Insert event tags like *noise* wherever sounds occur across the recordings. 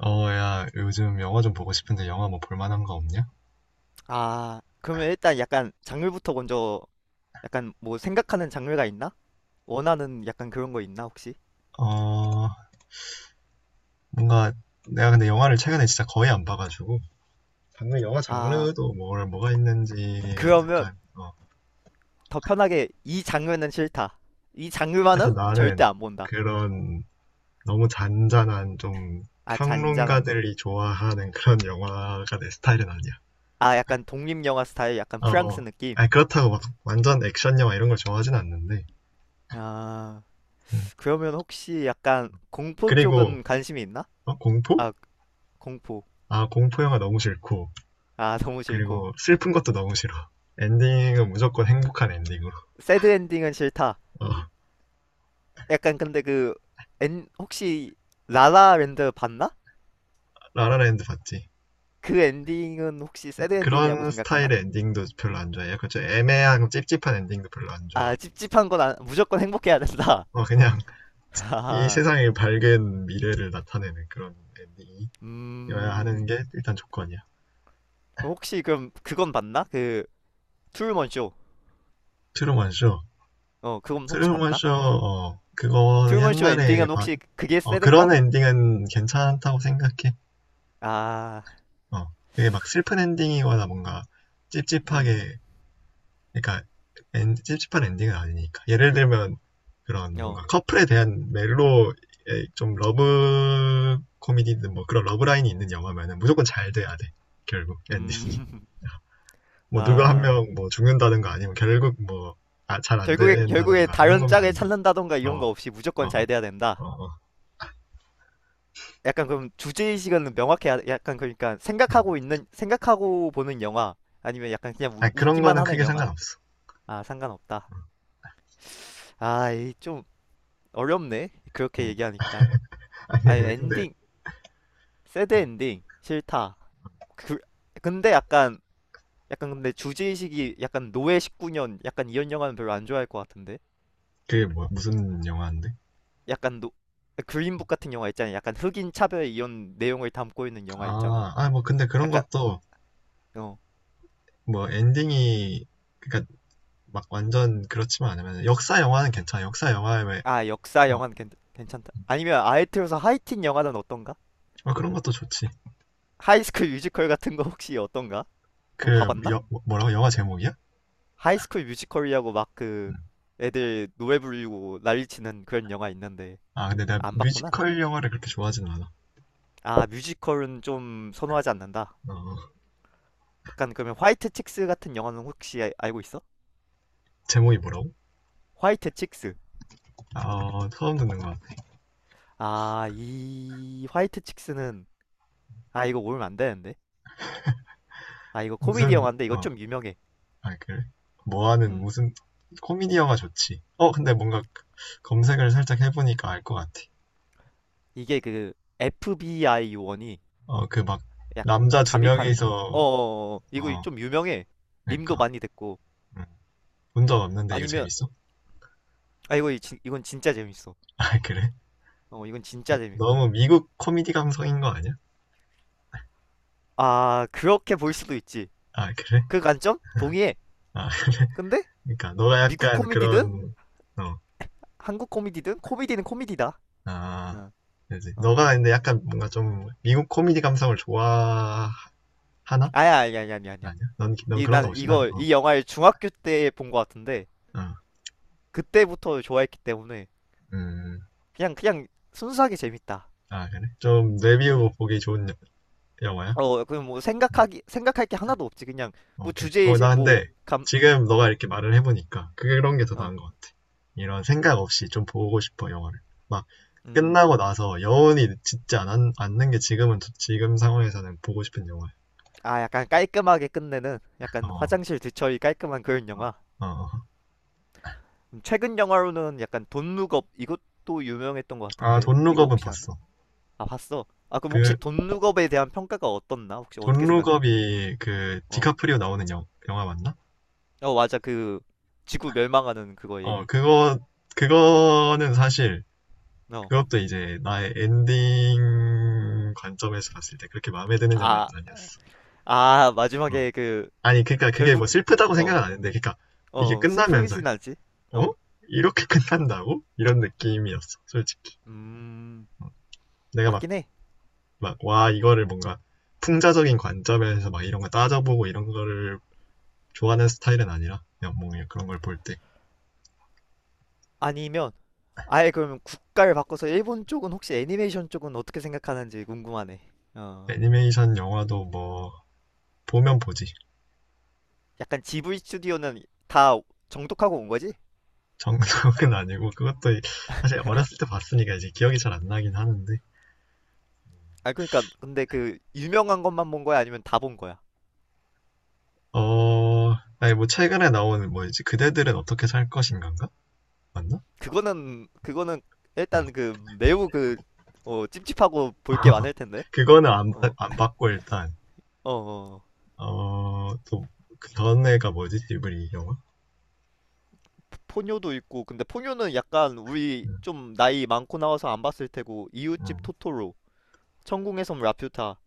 어, 야, 요즘 영화 좀 보고 싶은데 영화 뭐 볼만한 거 없냐? 아, 그러면 일단 약간 장르부터 먼저 약간 뭐 생각하는 장르가 있나? 원하는 약간 그런 거 있나 혹시? 어, 뭔가 내가 근데 영화를 최근에 진짜 거의 안 봐가지고 방금 영화 아, 장르도 뭘 뭐가 있는지가 그러면 약간 더 편하게 이 장르는 싫다. 이 일단 장르만은 절대 나는 안 본다. 그런 너무 잔잔한 좀 아, 잔잔한 거. 평론가들이 좋아하는 그런 영화가 내 스타일은 아니야. 아, 약간 독립영화 스타일, 약간 어, 프랑스 어. 느낌. 아니 그렇다고 막 완전 액션 영화 이런 걸 좋아하진 않는데. 아, 음. 그러면 혹시 약간 공포 그리고 쪽은 관심이 있나? 공포? 아, 공포. 아, 공포 영화 너무 싫고. 아, 너무 싫고. 그리고 슬픈 것도 너무 싫어. 엔딩은 무조건 행복한 엔딩으로. 새드 엔딩은 싫다. 어, 약간 근데 그, 혹시 라라랜드 봤나? 라라랜드 봤지. 그 엔딩은 혹시 새드 엔딩이라고 그런 스타일의 생각하나? 엔딩도 별로 안 좋아해. 약간 좀 애매한 찝찝한 엔딩도 별로 안 아, 좋아하고. 찝찝한 건 무조건 행복해야 된다. 어, 그냥 *laughs* 이 하하. 세상의 밝은 미래를 나타내는 그런 엔딩이어야 하는 음, 게 일단 조건이야. 혹시 그럼 그건 봤나? 그 트루먼 쇼. 트루먼 쇼. 어, 그건 혹시 트루먼 봤나? 쇼, 어, 그거 트루먼 쇼 옛날에 엔딩은 봤, 혹시 그게 어, 새든가? 그런 엔딩은 괜찮다고 생각해. 아, 어, 그게 막 슬픈 엔딩이거나 뭔가 음, 찝찝하게 그러니까 찝찝한 엔딩은 아니니까. 예를 들면 그런 어, 뭔가 커플에 대한 멜로 좀 러브 코미디든 뭐 그런 러브 라인이 있는 영화면은 무조건 잘 돼야 돼. 결국 엔딩이. 음, *laughs* *laughs* 뭐 누가 한 아, 명 뭐 죽는다든가 아니면 결국 뭐잘 안 결국에 된다든가 이런 다른 거면 짝을 안 돼. 찾는다던가 이런 어, 거 없이 어, 무조건 잘 돼야 어, 된다. 어. 약간 그럼 주제의식은 명확해야 약간 그러니까 음. 생각하고 보는 영화 아니면 약간 그냥 아니, 그런 웃기만 거는 하는 크게 영화. 상관없어. 아, 상관없다. 아, 이 좀 어렵네. 그렇게 음. 얘기하니까. 아니, *laughs* 근데 엔딩, 새드 엔딩, 싫다. 그, 근데 약간, 약간 근데 주제의식이 약간 노예 19년, 약간 이런 영화는 별로 안 좋아할 것 같은데? 그게 뭐 무슨 영화인데? 약간 노, 그린북 같은 영화 있잖아. 약간 흑인 차별 이런 내용을 담고 있는 영화 있잖아. 아, 아, 뭐 근데 그런 약간, 것도 어, 뭐 엔딩이 그러니까 막 완전 그렇지만 않으면 역사 영화는 괜찮아. 역사 영화에 왜 아, 역사 어, 영화는 괜찮다. 아니면 아예 틀어서 하이틴 영화는 어떤가? 어, 그런 것도 좋지. 하이스쿨 뮤지컬 같은 거 혹시 어떤가? 그럼 그 봐봤나? 라고 영화 제목이야? 하이스쿨 뮤지컬이라고 막 그 애들 노래 부르고 난리 치는 그런 영화 있는데 아 근데 내가 안 봤구나. 뮤지컬 영화를 그렇게 좋아하진 않아. 아, 뮤지컬은 좀 선호하지 않는다. 어, 약간 그러면 화이트 칙스 같은 영화는 혹시 알고 있어? 제목이 뭐라고? 화이트 칙스. 아 어, 처음 듣는 거야. 아, 이 화이트 칙스는 아, 이거 모르면 안 되는데. 아, 이거 코미디 무슨 영화인데 이거 어아 좀 유명해. 그래 뭐하는 음. 무슨 코미디 영화 좋지. 어 근데 뭔가 그 검색을 살짝 해보니까 알 것 같아. 이게 그 FBI 요원이 어 그 막 약 남자 두 잠입하는 건. 어, 어, 명이서 어. 어. 이거 어 좀 유명해. 밈도 그러니까 많이 됐고. 음, 본적 없는데 이거 아니면 재밌어? 아 이건 진짜 재밌어. 아 그래? 어, 이건 진짜 너무 재밌고. 미국 코미디 감성인 거 아니야? 아, 그렇게 볼 수도 있지. 아 그래? 그 관점? 동의해. 아, 근데 그러니까 너가 미국 약간 코미디든 그런 어, 한국 코미디든 코미디는 코미디다. 아, 어. 그지. 어. 너가 근데 약간 뭔가 좀 미국 코미디 감성을 좋아하나? 아야, 아야, 아야, 아야, 아야. 아니야? 넌, 넌 그런가 난 보지. 난, 어, 이 영화를 중학교 때 본 것 같은데, 어, 그때부터 좋아했기 때문에, 음, 그냥, 그냥 순수하게 재밌다. 아, 그래? 좀 음, 내비우고 보기 좋은 영화야? 어, 그냥 뭐 생각할 게 하나도 없지. 그냥, 뭐 오케이. 어, 주제의식, 나 뭐, 근데 감, 지금 너가 어, 이렇게 말을 해보니까 그런 게 더 어, 나은 것 같아. 이런 생각 없이 좀 보고 싶어, 영화를. 막 음. 끝나고 나서 여운이 않는 게 지금 상황에서는 보고 싶은 영화야. 아, 약간 깔끔하게 끝내는, 약간 어, 화장실 뒤처리 깔끔한 그런 영화. 어, 어. 최근 영화로는 약간 돈룩업 이것도 유명했던 것 아, 같은데 돈 이거 룩업은 혹시 아나? 봤어. 아 봤어. 아 그럼 혹시 그, 돈룩업에 대한 평가가 어떻나? 혹시 어떻게 돈 생각해? 룩업이 그, 어. 디카프리오 나오는 영화 맞나? 어 맞아 그 지구 멸망하는 그거 어, 얘기. 그거, 그거는 사실, 어. 그것도 이제 나의 엔딩 관점에서 봤을 때 그렇게 마음에 드는 영화는 아, 아니었어. 아 어. 마지막에 그 아니, 그니까 그게 결국 뭐 슬프다고 어, 생각은 안 했는데, 그니까 이게 어 끝나면서, 슬프진 않지? 어? 어. 이렇게 *laughs* 끝난다고? 이런 느낌이었어, 솔직히. 음 내가 막, 맞긴 해. 막, 와, 이거를 뭔가 풍자적인 관점에서 막 이런 거 따져보고 이런 거를 좋아하는 스타일은 아니라, 그냥 뭐 그냥 그런 걸 볼 때. 아니면 아예 그러면 국가를 바꿔서 일본 쪽은 혹시 애니메이션 쪽은 어떻게 생각하는지 궁금하네. 어. 애니메이션 영화도 뭐 보면 보지. 약간 지브리 스튜디오는 다 정독하고 온 거지? 정석은 *laughs* 아니고 그것도 사실 어렸을 때 봤으니까 이제 기억이 잘 안 나긴 하는데 아 그러니까 근데 그 유명한 것만 본 거야? 아니면 다 본 거야? 어 아니 뭐 최근에 나온 뭐지 그대들은 어떻게 살 것인가인가 맞나? 그거는 어 일단 그 매우 그 어, 찝찝하고 볼게 많을 텐데. 그거는 어, 안 봤고 일단 어, 어. 어. 어또그 전에가 뭐지 지브리 영화? 포뇨도 있고 근데 포뇨는 약간 우리 음, 좀 나이 많고 나와서 안 봤을 테고 이웃집 음. 토토로, 천궁의 섬 라퓨타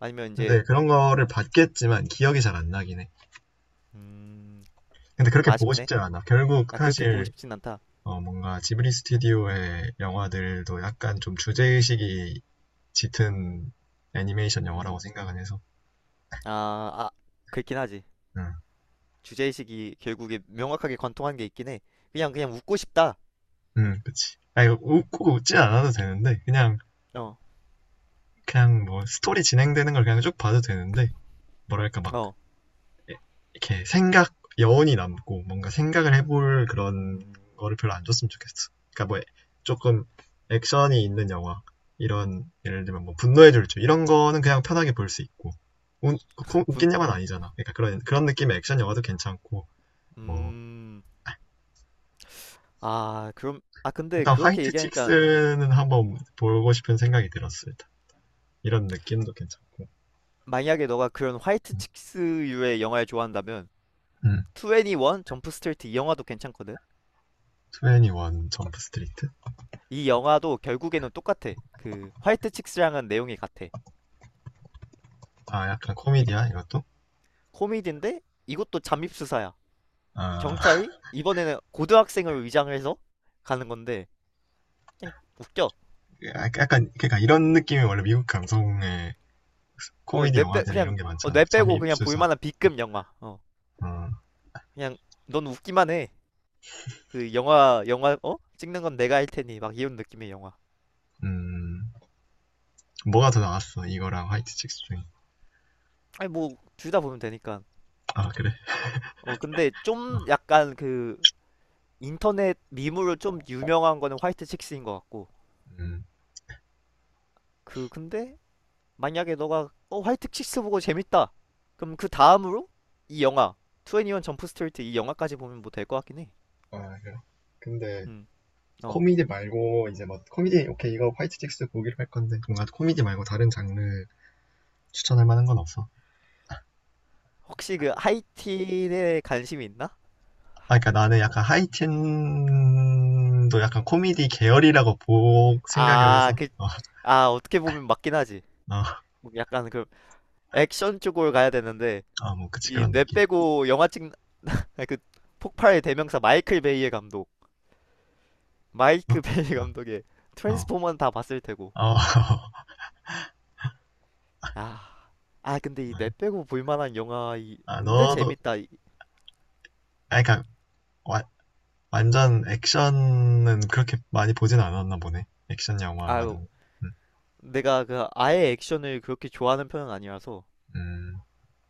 아니면 이제 근데 그런 거를 봤겠지만 기억이 잘 안 나긴 해. 음, 근데 좀 그렇게 보고 아쉽네. 싶지 않아. 결국 나 그렇게 보고 사실 싶진 않다. 어, 뭔가 지브리 스튜디오의 영화들도 약간 좀 주제의식이 짙은 애니메이션 영화라고 음. 생각은 해서. 아, 아, 그렇긴 하지. 응, 주제의식이 결국에 명확하게 관통한 게 있긴 해. 그냥 웃고 싶다. 응, 그치. 아, 이거 웃고 웃지 않아도 되는데, 그냥, 어. 그냥 뭐, 스토리 진행되는 걸 그냥 쭉 봐도 되는데, 뭐랄까, 막, 어. 이렇게 생각, 여운이 남고, 뭔가 생각을 해볼 그런 음, 거를 별로 안 줬으면 좋겠어. 그러니까 뭐, 조금 액션이 있는 영화, 이런, 예를 들면 뭐, 분노의 질주, 이런 거는 그냥 편하게 볼 수 있고, 웃, 분, 웃긴 영화는 아니잖아. 그러니까 그런, 그런 느낌의 액션 영화도 괜찮고, 뭐, 음, 아, 그럼, 아, 근데 일단 그렇게 화이트 얘기하니까, 칙스는 한번 보고 싶은 생각이 들었습니다. 이런 느낌도 괜찮고. 만약에 너가 그런 화이트 칙스류의 영화를 좋아한다면, 음. 21 점프 스트레이트 이 영화도 괜찮거든? 21 점프 스트리트? 이 영화도 결국에는 똑같아. 그, 화이트 칙스랑은 내용이 같아. 아, 약간 이, 코미디야, 이것도? 코미디인데, 이것도 잠입수사야. 아, 경찰이, 이번에는 고등학생을 위장을 해서 가는 건데, 그냥 웃겨. 약간, 그러니까 이런 느낌이 원래 미국 감성의 어, 코미디 영화들이 이런 게 어, 많잖아. 뇌 빼고 그냥 잠입수사. 볼만한 B급 영화. 어, 어, 그냥, 넌 웃기만 해. 그 영화 어? 찍는 건 내가 할 테니 막 이런 느낌의 영화. 음, 뭐가 더 나왔어? 이거랑 화이트 칙스 중에. 아니 뭐 둘 다 보면 되니까. 아, 그래? 어 근데 어, 좀 약간 그 인터넷 밈으로 좀 유명한 거는 화이트 칙스인 것 같고. 음. 그 근데 만약에 너가 어 화이트 칙스 보고 재밌다. 그럼 그 다음으로 이 영화 21 점프 스트리트 이 영화까지 보면 뭐 될 것 같긴 해. 아, 그래. 근데 음. 어. 코미디 말고 이제 뭐 코미디 오케이 이거 화이트 칙스 보기로 할 건데 뭔가 코미디 말고 다른 장르 추천할 만한 건 없어? 혹시 그 하이틴에 관심이 있나? 아, 그러니까 나는 약간 하이틴도 약간 코미디 계열이라고 보 생각을 아, 해서 그 어, 아 어떻게 보면 맞긴 하지. 어, 뭐 약간 그 액션 쪽으로 가야 되는데 아, 뭐 그치 이 그런 뇌 느낌. 빼고 영화 찍는 아니, 그 폭발의 대명사 마이클 어, 베이 *laughs* 감독의 어, 어, 트랜스포머는 다 봤을 테고 어. *laughs* 아, 아 근데 이 뇌 빼고 볼 만한 영화 이 아, 근데 너도 재밌다 아, 그러니까 와- 완전 액션은 그렇게 많이 보진 않았나 보네. 액션 영화라는. 아유 거. 음, 내가 그 아예 액션을 그렇게 좋아하는 편은 아니라서 음.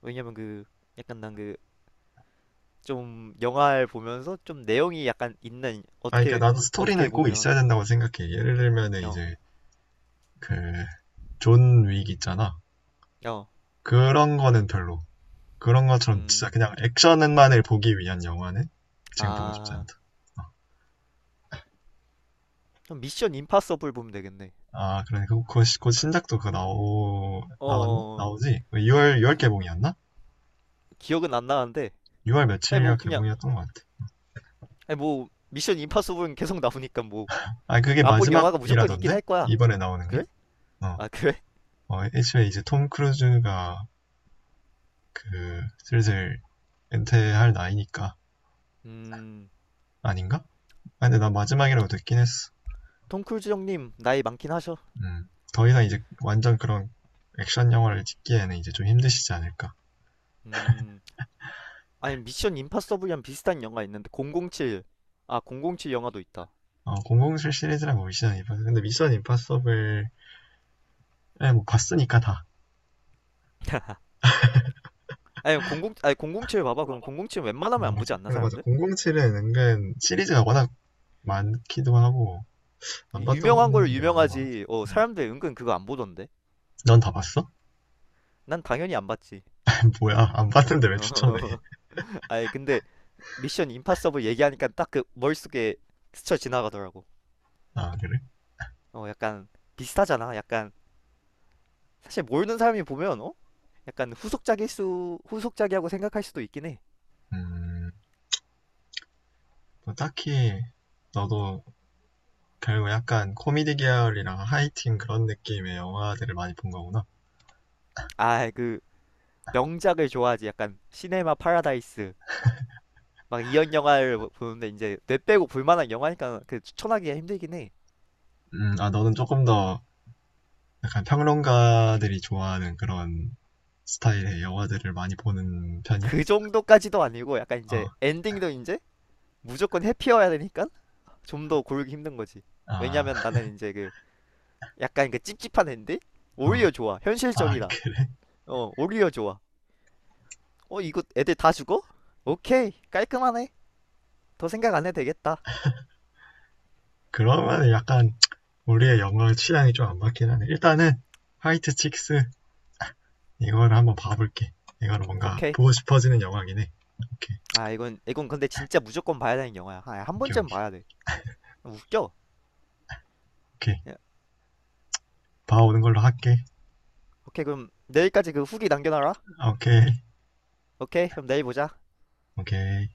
왜냐면 그 약간 난 그 좀 영화를 보면서 좀 내용이 약간 있는 아, 그러니까 어떻게 나도 어떻게 스토리는 꼭 보면 있어야 된다고 생각해. 예를 들면은 이제 그 존 윅 있잖아. 그런 거는 별로. 그런 어 어 것처럼 진짜 그냥 아 액션만을 보기 위한 영화는 지금 보고 싶지 않다. 어. 미션 임파서블 보면 되겠네 아, 그러니 그, 그, 곧 그 신작도 그거 나왔나? 어어 나오지? 6월, 6월 개봉이었나? 기억은 안 나는데 6월 아니 며칠이라 뭐 그냥 개봉이었던 것 같아. 아니 뭐 미션 임파서블은 계속 나오니까 뭐 아, 그게 안본 영화가 무조건 있긴 마지막이라던데? 할 거야. 이번에 나오는 게? 그래? 어, 아 그래? 어, 애초에 이제 톰 크루즈가 그, 슬슬 은퇴할 나이니까. *laughs* 음 아닌가? 아, 근데 난 마지막이라고 듣긴 했어. 톰크루즈 형님 나이 많긴 하셔. 음. 더 이상 이제 완전 그런 액션 영화를 찍기에는 이제 좀 힘드시지 않을까. 음 아니 미션 임파서블이랑 비슷한 영화 있는데 007. 아 007 영화도 있다. 어, 007 시리즈라고 미션 임파서블. 근데 미션 임파서블, 예, 뭐 봤으니까 다. 아니 00 아니 007 봐봐. 그럼 007 웬만하면 안 보지 공공칠. 않나 근데 맞아. 사람들? 007은 은근 시리즈가 워낙 많기도 하고, 안 봤던 유명한 걸 게 많은 것 같아. 유명하지. 어 응. 사람들 은근 그거 안 보던데. 넌 다 봤어? 난 당연히 안 봤지. *laughs* 뭐야, 안 봤는데 왜 추천해? *laughs* 아니 근데 미션 임파서블 얘기하니까 딱 그 머릿속에 스쳐 지나가더라고. 아, 그래? 어 약간 비슷하잖아. 약간 사실 모르는 사람이 보면 어? 약간 후속작일 수 후속작이라고 생각할 수도 있긴 해. 음, 뭐 딱히, 너도 결국 약간 코미디 계열이랑 하이틴 그런 느낌의 영화들을 많이 본 거구나. 아 그 명작을 좋아하지. 약간 시네마 파라다이스 막 이런 영화를 보는데 이제 뇌 빼고 볼 만한 영화니까 그 추천하기가 힘들긴 해. 아, 너는 조금 더 약간 평론가들이 좋아하는 그런 스타일의 영화들을 많이 보는 편이야? 그 정도까지도 아니고 약간 어, 이제 엔딩도 이제 무조건 해피여야 되니까 좀 더 고르기 힘든 거지. 아, 왜냐면 *laughs* 나는 이제 그 약간 그 찝찝한 앤데 어, 오히려 좋아 아, 현실적이다 그래? 어 오히려 좋아 어 이거 애들 다 죽어? 오케이 깔끔하네 더 생각 안 해도 되겠다 그러면 약간 우리의 영어 취향이 좀 안 맞긴 하네. 일단은 화이트 칙스 이거를 한번 음. 봐볼게. 이거는 뭔가 오케이 보고 싶어지는 영화긴 해. 오케이, 아 이건 근데 진짜 무조건 봐야 되는 영화야 아, 한 오케이, 번쯤 오케이, 봐야 돼 웃겨 오케이. 야, 봐오는 걸로 할게. 오케이 그럼 내일까지 그 후기 남겨놔라 오케이, 오케이 그럼 내일 보자 오케이.